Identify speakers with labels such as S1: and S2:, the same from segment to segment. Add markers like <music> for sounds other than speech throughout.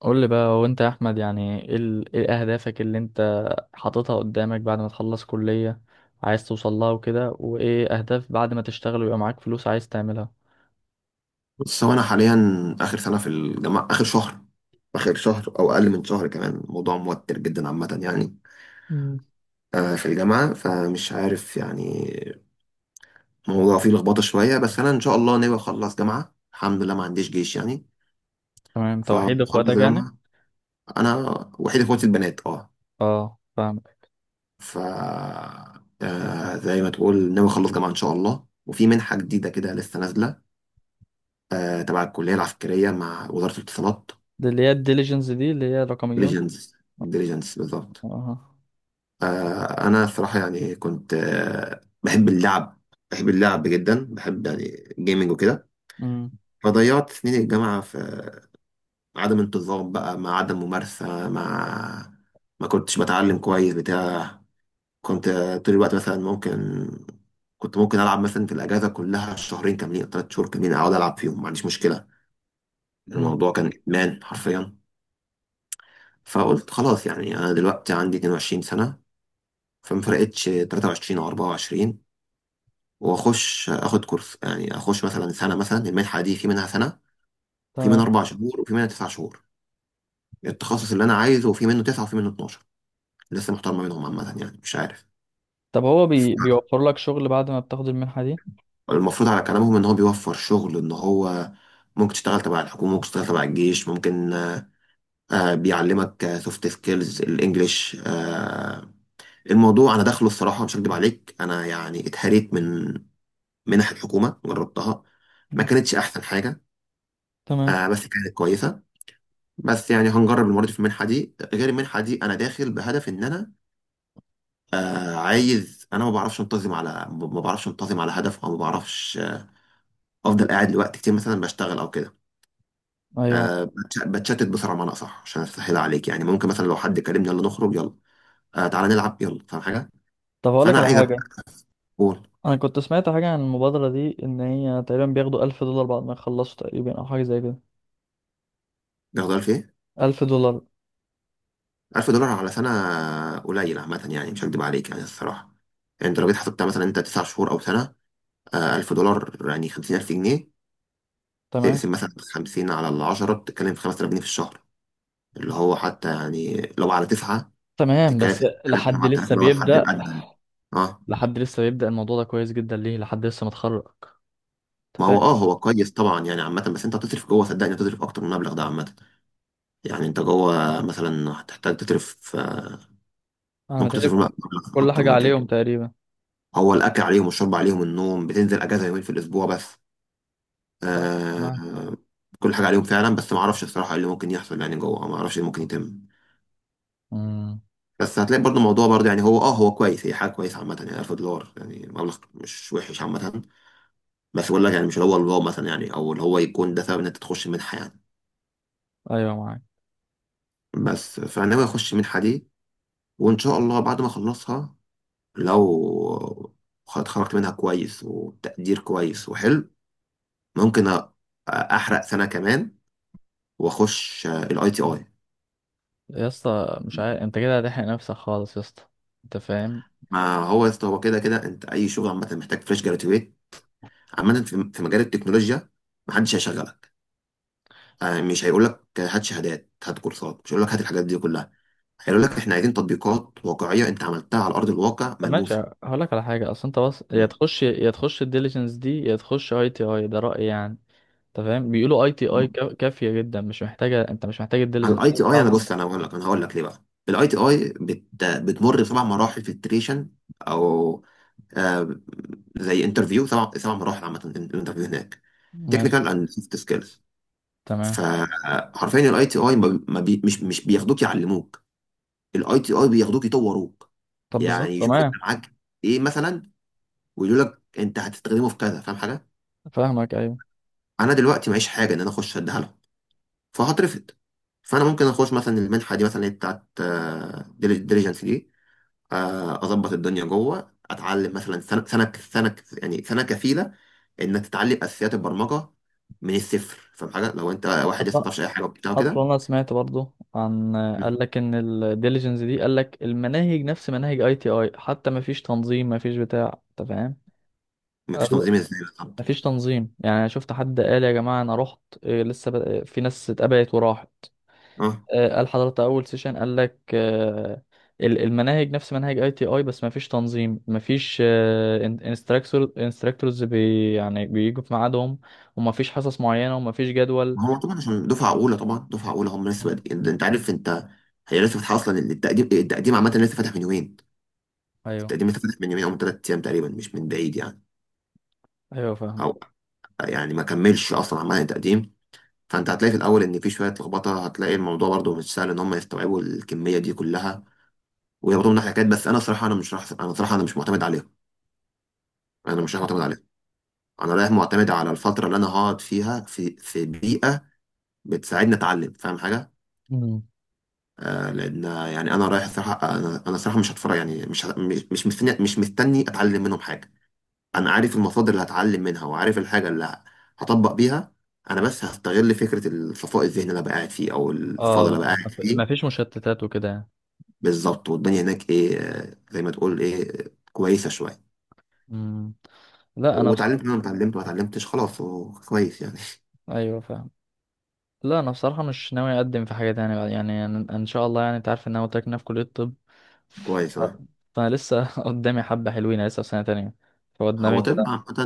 S1: قول لي بقى، هو انت يا احمد يعني ايه ايه اهدافك اللي انت حاططها قدامك بعد ما تخلص كلية عايز توصل لها وكده، وايه اهداف بعد ما تشتغل ويبقى معاك فلوس عايز تعملها؟
S2: بص، هو انا حاليا اخر سنه في الجامعه. اخر شهر او اقل من شهر كمان. الموضوع موتر جدا عامه يعني.
S1: مم.
S2: في الجامعه، فمش عارف يعني. الموضوع فيه لخبطه شويه، بس انا ان شاء الله ناوي اخلص جامعه. الحمد لله ما عنديش جيش يعني.
S1: تمام، توحيد
S2: فخلص
S1: اخواتك يعني؟
S2: جامعه. انا وحيد اخواتي البنات، اه.
S1: اه، فاهمك.
S2: ف زي ما تقول ناوي اخلص جامعه ان شاء الله، وفي منحه جديده كده لسه نازله. تبع الكليه العسكريه مع وزاره الاتصالات.
S1: دي اللي هي الديليجنس، دي اللي هي رقميون؟
S2: ديليجنس. ديليجنس بالظبط.
S1: اه.
S2: انا الصراحه يعني كنت بحب اللعب. بحب اللعب جدا، بحب يعني جيمنج وكده.
S1: امم.
S2: فضيعت سنين الجامعه في عدم انتظام بقى، مع عدم ممارسه، مع ما كنتش بتعلم كويس بتاع. كنت طول الوقت مثلا ممكن كنت ممكن العب مثلا في الاجازه كلها شهرين كاملين أو ثلاث شهور كاملين، اقعد العب فيهم ما عنديش مشكله.
S1: امم.
S2: الموضوع كان ادمان حرفيا. فقلت خلاص، يعني انا دلوقتي عندي 22 سنه، فما فرقتش 23 او 24، واخش اخد كورس يعني، اخش مثلا سنه. مثلا المنحه دي في منها سنه، في منها
S1: تمام.
S2: اربع شهور، وفي منها تسع شهور التخصص اللي انا عايزه، وفي منه تسعه وفي منه 12. لسه محتار ما بينهم عامه يعني، مش عارف.
S1: طب هو بيوفر لك شغل بعد ما بتاخد المنحة دي؟
S2: المفروض على كلامهم ان هو بيوفر شغل، ان هو ممكن تشتغل تبع الحكومه، ممكن تشتغل تبع الجيش، ممكن. بيعلمك سوفت سكيلز، الانجليش. الموضوع انا داخله الصراحه مش هكدب عليك، انا يعني اتهريت من منح الحكومه، جربتها. ما
S1: مم.
S2: كانتش احسن حاجه.
S1: تمام.
S2: بس كانت كويسه. بس يعني هنجرب المره دي. في المنحه دي، غير المنحه دي، انا داخل بهدف ان انا عايز. انا ما بعرفش انتظم على، ما بعرفش انتظم على هدف، او ما بعرفش. افضل قاعد لوقت كتير مثلا بشتغل او كده.
S1: ايوه.
S2: بتشتت بسرعه، بمعنى اصح عشان اسهل عليك. يعني ممكن مثلا لو حد كلمني، يلا نخرج، يلا تعالى نلعب، يلا، فاهم حاجه؟
S1: طب هقول لك
S2: فانا
S1: على
S2: عايز ابقى.
S1: حاجة.
S2: قول.
S1: انا كنت سمعت حاجة عن المبادرة دي ان هي تقريبا بياخدوا 1000 دولار بعد ما يخلصوا تقريبا، او حاجة زي كده.
S2: ده في ايه؟
S1: 1000 دولار.
S2: 1000 دولار على سنه قليل عامه يعني، مش هكدب عليك يعني الصراحه. يعني انت لو جيت حسبتها مثلا، انت 9 شهور او سنه. 1000 دولار يعني 50000 جنيه.
S1: تمام.
S2: اقسم مثلا 50 على العشرة، بتتكلم في 5000 جنيه في الشهر، اللي هو حتى يعني لو على تسعة،
S1: تمام،
S2: تتكلم
S1: بس
S2: في 3000،
S1: لحد
S2: 7000
S1: لسه
S2: اللي هو الحد
S1: بيبدأ.
S2: الأدنى. اه.
S1: لحد لسه بيبدأ الموضوع ده كويس جدا ليه، لحد لسه متخرج. أنت
S2: ما هو
S1: فاهم.
S2: هو كويس طبعا يعني عامة. بس انت هتصرف جوه، صدقني، هتصرف أكتر من المبلغ ده عامة. يعني انت جوه مثلا هتحتاج تصرف،
S1: أنا
S2: ممكن تصرف
S1: متهيألي
S2: مبلغ
S1: كل
S2: أكتر
S1: حاجة
S2: من كده.
S1: عليهم تقريبا.
S2: هو الأكل عليهم والشرب عليهم، النوم. بتنزل أجازة يومين في الأسبوع بس.
S1: طيب، معاك.
S2: آه كل حاجة عليهم فعلا، بس ما أعرفش الصراحة إيه اللي ممكن يحصل يعني جوه، ما أعرفش إيه اللي ممكن يتم.
S1: امم.
S2: بس هتلاقي برضه الموضوع برضه، يعني هو هو كويس، هي حاجه كويسه عامه يعني، 1000 دولار يعني مبلغ مش وحش عامه. بس بقول لك يعني، مش اللي هو الواو مثلا يعني، او اللي هو يكون ده سبب ان انت تخش منحه يعني.
S1: أيوه، معاك.
S2: بس فانا ناوي اخش منحه دي، وان شاء الله بعد ما اخلصها، لو اتخرجت منها كويس وتقدير كويس وحلو، ممكن احرق سنه كمان واخش الاي تي اي.
S1: يا اسطى، مش عارف، أنت كده هتحرق نفسك خالص يا اسطى. أنت فاهم؟
S2: ما هو يا اسطى، هو كده كده انت اي شغل عامه محتاج فريش جراتويت، عامه في مجال التكنولوجيا. محدش هيشغلك. مش هيقول لك هات شهادات، هات كورسات، مش هيقول لك هات الحاجات دي كلها. هيقول لك احنا عايزين تطبيقات واقعيه انت عملتها على ارض الواقع،
S1: طب ماشي.
S2: ملموسه.
S1: هقول لك على حاجة. أصل أنت بس يا
S2: مم.
S1: تخش يا تخش الديليجنس دي، يا تخش أي تي أي، ده رأيي يعني. أنت فاهم؟ بيقولوا أي تي أي كافية جدا، مش محتاجة، أنت مش محتاج
S2: على
S1: الديليجنس
S2: الاي تي اي، انا بص،
S1: بتاعته.
S2: انا هقول لك ليه بقى. الاي تي اي بتمر بسبع مراحل فلتريشن، او آه زي انترفيو، سبع مراحل عامه. الانترفيو هناك
S1: ماشي.
S2: تكنيكال اند سوفت سكيلز.
S1: تمام.
S2: فحرفيا الاي تي اي ما ما بي مش مش بياخدوك يعلموك، الاي تي اي بياخدوك يطوروك.
S1: طب
S2: يعني
S1: بالظبط،
S2: يشوفوا انت
S1: تمام.
S2: معاك ايه مثلا، ويقول لك انت هتستخدمه في كذا، فاهم حاجه؟
S1: فاهمك، ايوه.
S2: انا دلوقتي معيش حاجه ان انا اخش اديها لهم، فهترفض. فانا ممكن اخش مثلا المنحه دي، مثلا اللي هي بتاعت ديليجنس دي. اظبط الدنيا جوه، اتعلم مثلا سنه. يعني سنه كفيله انك تتعلم اساسيات البرمجه من الصفر. فاهم حاجه؟ لو انت واحد لسه ما
S1: أص-
S2: تعرفش اي حاجه وبتاع
S1: اصلا
S2: كده.
S1: انا سمعت برضو، عن
S2: مم.
S1: قال لك ان الديليجنس دي قال لك المناهج نفس مناهج اي تي اي حتى، ما فيش تنظيم، ما فيش بتاع، انت فاهم.
S2: مفيش
S1: قال-
S2: تنظيم ازاي
S1: ما
S2: بالظبط؟
S1: فيش تنظيم يعني. أنا شفت حد قال يا جماعه انا رحت لسه في ناس اتقبلت وراحت.
S2: اه.
S1: قال حضرتك اول سيشن قال لك المناهج نفس مناهج اي تي اي، بس ما فيش تنظيم، ما فيش انستراكتورز يعني بيجوا في ميعادهم، وما فيش حصص معينه وما فيش جدول.
S2: ما هو طبعا عشان دفعه اولى. طبعا دفعه اولى هم لسه
S1: مم.
S2: بادئين، انت عارف انت. هي لسه فاتحه اصلا التقديم. التقديم عامه لسه فاتح من يومين.
S1: ايوه.
S2: التقديم اتفتح من يومين او من ثلاث ايام تقريبا، مش من بعيد يعني.
S1: ايوه فاهم.
S2: او يعني ما كملش اصلا عمال التقديم. فانت هتلاقي في الاول ان في شويه لخبطه، هتلاقي الموضوع برضو مش سهل ان هم يستوعبوا الكميه دي كلها ويربطوا منها حاجات. بس انا صراحه انا صراحه انا مش معتمد عليهم، انا مش رايح معتمد عليهم. انا رايح معتمد على الفتره اللي انا هقعد فيها في بيئه بتساعدني اتعلم، فاهم حاجه؟
S1: مم.
S2: لان يعني انا رايح صراحه، انا صراحه مش هتفرج يعني، مش مستني، مش مستني اتعلم منهم حاجه. انا عارف المصادر اللي هتعلم منها، وعارف الحاجه اللي هطبق بيها. انا بس هستغل فكره الصفاء الذهني اللي أنا بقى قاعد فيه، او الفضل
S1: اه.
S2: اللي أنا بقى قاعد
S1: ما
S2: فيه.
S1: فيش مشتتات وكده يعني.
S2: بالظبط. والدنيا هناك ايه، زي ما تقول ايه، كويسه شويه.
S1: مم. لا، انا
S2: واتعلمت
S1: بصراحه.
S2: اللي انا اتعلمت، ما اتعلمتش خلاص، هو كويس يعني.
S1: ايوه فاهم. لا، انا بصراحه مش ناوي اقدم في حاجه تانية بعد يعني. ان شاء الله يعني، انت عارف ان انا قلت لك إن أنا في كليه الطب.
S2: <laughs> كويس،
S1: ف-
S2: اه.
S1: فانا لسه <laughs> قدامي حبه حلوين، أنا لسه في سنه تانية، فقدامي
S2: هو طب
S1: بتاع.
S2: عامة.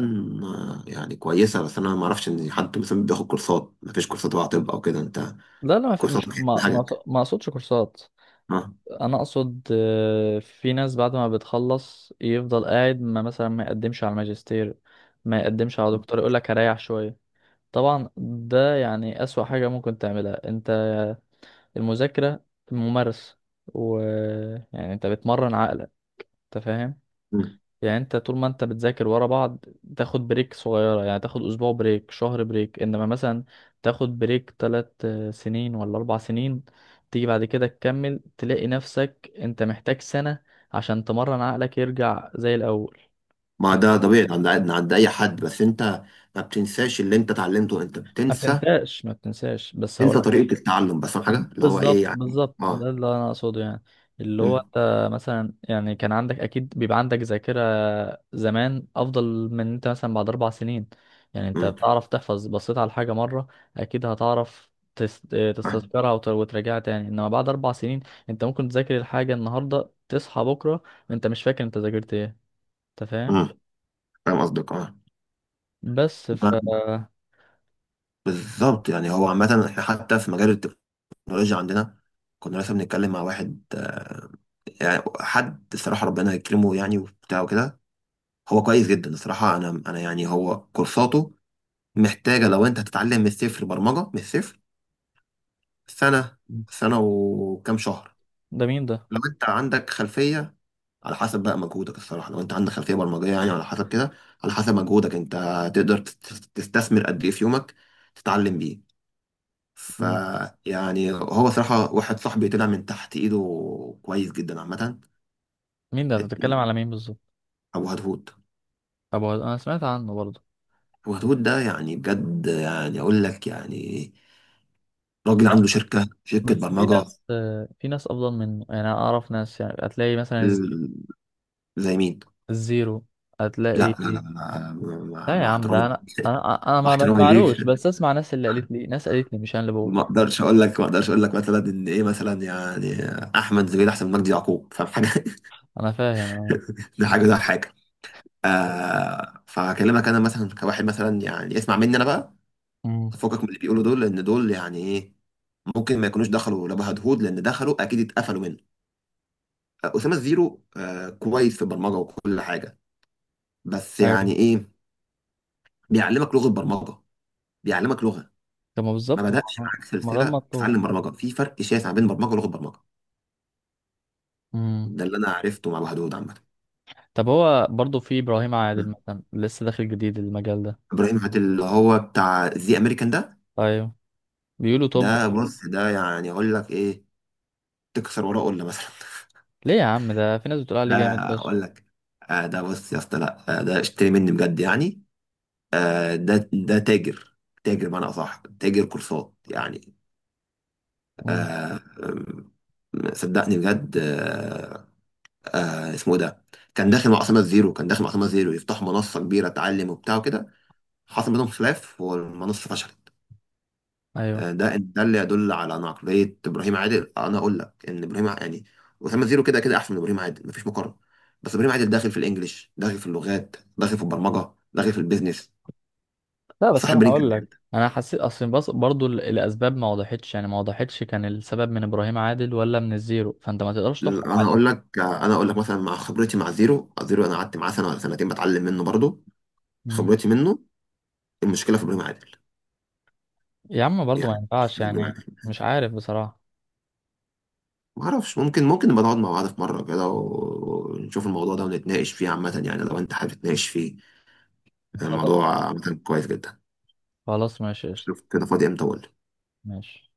S2: يعني كويسة. بس أنا ما أعرفش إن حد مثلا بياخد كورسات، ما فيش كورسات تبع طب أو كده أنت،
S1: لا لا، ما في مش
S2: كورساتك
S1: ما
S2: حاجة،
S1: ما اقصدش كورسات.
S2: اه.
S1: انا اقصد في ناس بعد ما بتخلص يفضل قاعد، ما مثلا ما يقدمش على الماجستير، ما يقدمش على دكتور، يقول لك هريح شويه. طبعا ده يعني أسوأ حاجة ممكن تعملها. انت المذاكرة، ممارسة، و يعني انت بتمرن عقلك، انت فاهم. يعني انت طول ما انت بتذاكر ورا بعض تاخد بريك صغيرة، يعني تاخد اسبوع بريك، شهر بريك، انما مثلا تاخد بريك 3 سنين ولا 4 سنين، تيجي بعد كده تكمل، تلاقي نفسك انت محتاج سنة عشان تمرن عقلك يرجع زي الاول.
S2: ما
S1: انت
S2: ده طبيعي عند اي حد. بس انت ما بتنساش اللي انت اتعلمته، انت
S1: ما
S2: بتنسى،
S1: تنساش ما تنساش، بس هقول.
S2: تنسى طريقه التعلم بس، فاهم حاجه اللي هو ايه
S1: بالظبط
S2: يعني،
S1: بالظبط،
S2: اه.
S1: ده اللي انا اقصده يعني. اللي هو
S2: مم.
S1: انت مثلا، يعني كان عندك اكيد بيبقى عندك ذاكرة زمان افضل من انت مثلا بعد 4 سنين. يعني انت
S2: مم.
S1: بتعرف تحفظ، بصيت على حاجة مرة اكيد هتعرف تستذكرها وتراجعها تاني، انما بعد 4 سنين انت ممكن تذاكر الحاجة النهاردة، تصحى بكرة انت مش فاكر انت ذاكرت ايه، انت فاهم.
S2: مم. فاهم قصدك، اه.
S1: بس
S2: بالظبط يعني. هو عامه احنا حتى في مجال التكنولوجيا عندنا، كنا لسه بنتكلم مع واحد، يعني حد الصراحه ربنا يكرمه يعني وبتاع وكده. هو كويس جدا الصراحه. انا يعني هو كورساته محتاجه. لو انت هتتعلم من الصفر برمجه من الصفر، سنه. سنه وكام شهر
S1: ده مين ده؟
S2: لو انت عندك خلفيه. على حسب بقى مجهودك الصراحه. لو انت عندك خلفيه برمجيه، يعني على حسب كده، على حسب مجهودك انت، تقدر تستثمر قد ايه في يومك تتعلم بيه. ف
S1: مم.
S2: يعني هو صراحه، واحد صاحبي طلع من تحت ايده كويس جدا عامه.
S1: مين ده، انت بتتكلم على مين بالظبط؟
S2: ابو هدهود.
S1: طب انا سمعت عنه برضه.
S2: ابو هدهود ده يعني بجد، يعني اقول لك يعني، راجل عنده شركه
S1: بس في
S2: برمجه.
S1: ناس في ناس افضل منه يعني، أنا اعرف ناس، يعني هتلاقي مثلا
S2: ال- زي مين؟
S1: الزيرو، هتلاقي.
S2: لا، لا، لا، لا،
S1: لا يا
S2: مع
S1: عم،
S2: احترامي،
S1: ده انا
S2: مع
S1: ما
S2: احترامي ليك.
S1: بسمعلوش، بس اسمع، ناس اللي قالت لي، ناس قالت لي، مش انا اللي
S2: ما
S1: بقول.
S2: اقدرش اقول لك، مثلا ان ايه مثلا يعني، احمد زويل احسن من مجدي يعقوب، فاهم حاجه؟ <laughs>
S1: انا فاهم انا.
S2: ده حاجه، ده حاجه. فهكلمك انا مثلا كواحد مثلا يعني، اسمع مني انا بقى.
S1: امم.
S2: فكك من اللي بيقولوا دول، لان دول يعني ايه؟ ممكن ما يكونوش دخلوا لا هدهود، لان دخلوا اكيد اتقفلوا منه. اسامه زيرو، كويس في البرمجه وكل حاجه. بس
S1: ايوه.
S2: يعني ايه، بيعلمك لغه برمجه، بيعلمك لغه.
S1: طب ما
S2: ما
S1: بالظبط،
S2: بدأش
S1: ما
S2: معاك
S1: ما ده
S2: سلسله
S1: المطلوب.
S2: تتعلم برمجه. في فرق شاسع بين برمجه ولغه برمجه.
S1: امم.
S2: ده اللي انا عرفته مع الوحدود عامه.
S1: طب هو برضه في ابراهيم عادل مثلا لسه داخل جديد المجال ده.
S2: ابراهيم عادل، اللي هو بتاع ذا امريكان ده.
S1: ايوه. بيقولوا؟ طب.
S2: ده بص، ده يعني اقول لك ايه، تكسر وراه قله مثلا. <laughs>
S1: ليه يا عم؟ ده في ناس بتقول عليه جامد فشخ.
S2: اقول لك، ده بص يا اسطى، لا، ده اشتري مني بجد يعني. ده تاجر، تاجر بمعنى اصح تاجر كورسات يعني.
S1: امم.
S2: آه، أم، صدقني بجد. اسمه إيه ده، كان داخل مع اسامه زيرو يفتحوا منصه كبيره تعلم وبتاع وكده. حصل بينهم خلاف والمنصه فشلت.
S1: ايوه.
S2: ده اللي يدل على عقلية إبراهيم عادل. أنا أقول لك إن يعني أسامة زيرو كده كده أحسن من إبراهيم عادل، مفيش مقارنة. بس إبراهيم عادل داخل في الإنجليش، داخل في اللغات، داخل في البرمجة، داخل في البيزنس،
S1: لا بس
S2: صاحب
S1: انا
S2: برين
S1: هقول
S2: كمان.
S1: لك. انا حسيت اصلا، بص برضو الاسباب ما وضحتش، يعني ما وضحتش كان السبب من ابراهيم عادل ولا من الزيرو، فانت ما تقدرش تحكم عليه.
S2: أنا أقول لك مثلا، مع خبرتي مع زيرو. زيرو، أنا قعدت معاه سنة ولا سنتين بتعلم منه برضه.
S1: مم.
S2: خبرتي منه. المشكلة في إبراهيم عادل،
S1: يا عم برضو ما
S2: يعني
S1: ينفعش
S2: مشكلة في إبراهيم
S1: يعني.
S2: عادل.
S1: مش عارف بصراحة.
S2: ما أعرفش. ممكن نبقى نقعد مع بعض في مرة كده ونشوف الموضوع ده ونتناقش فيه عامة يعني، لو أنت حابب تتناقش فيه.
S1: خلاص.
S2: الموضوع عامة كويس جدا.
S1: خلاص ماشي قشطة.
S2: شوف كده فاضي امتى، اقول.
S1: ماشي.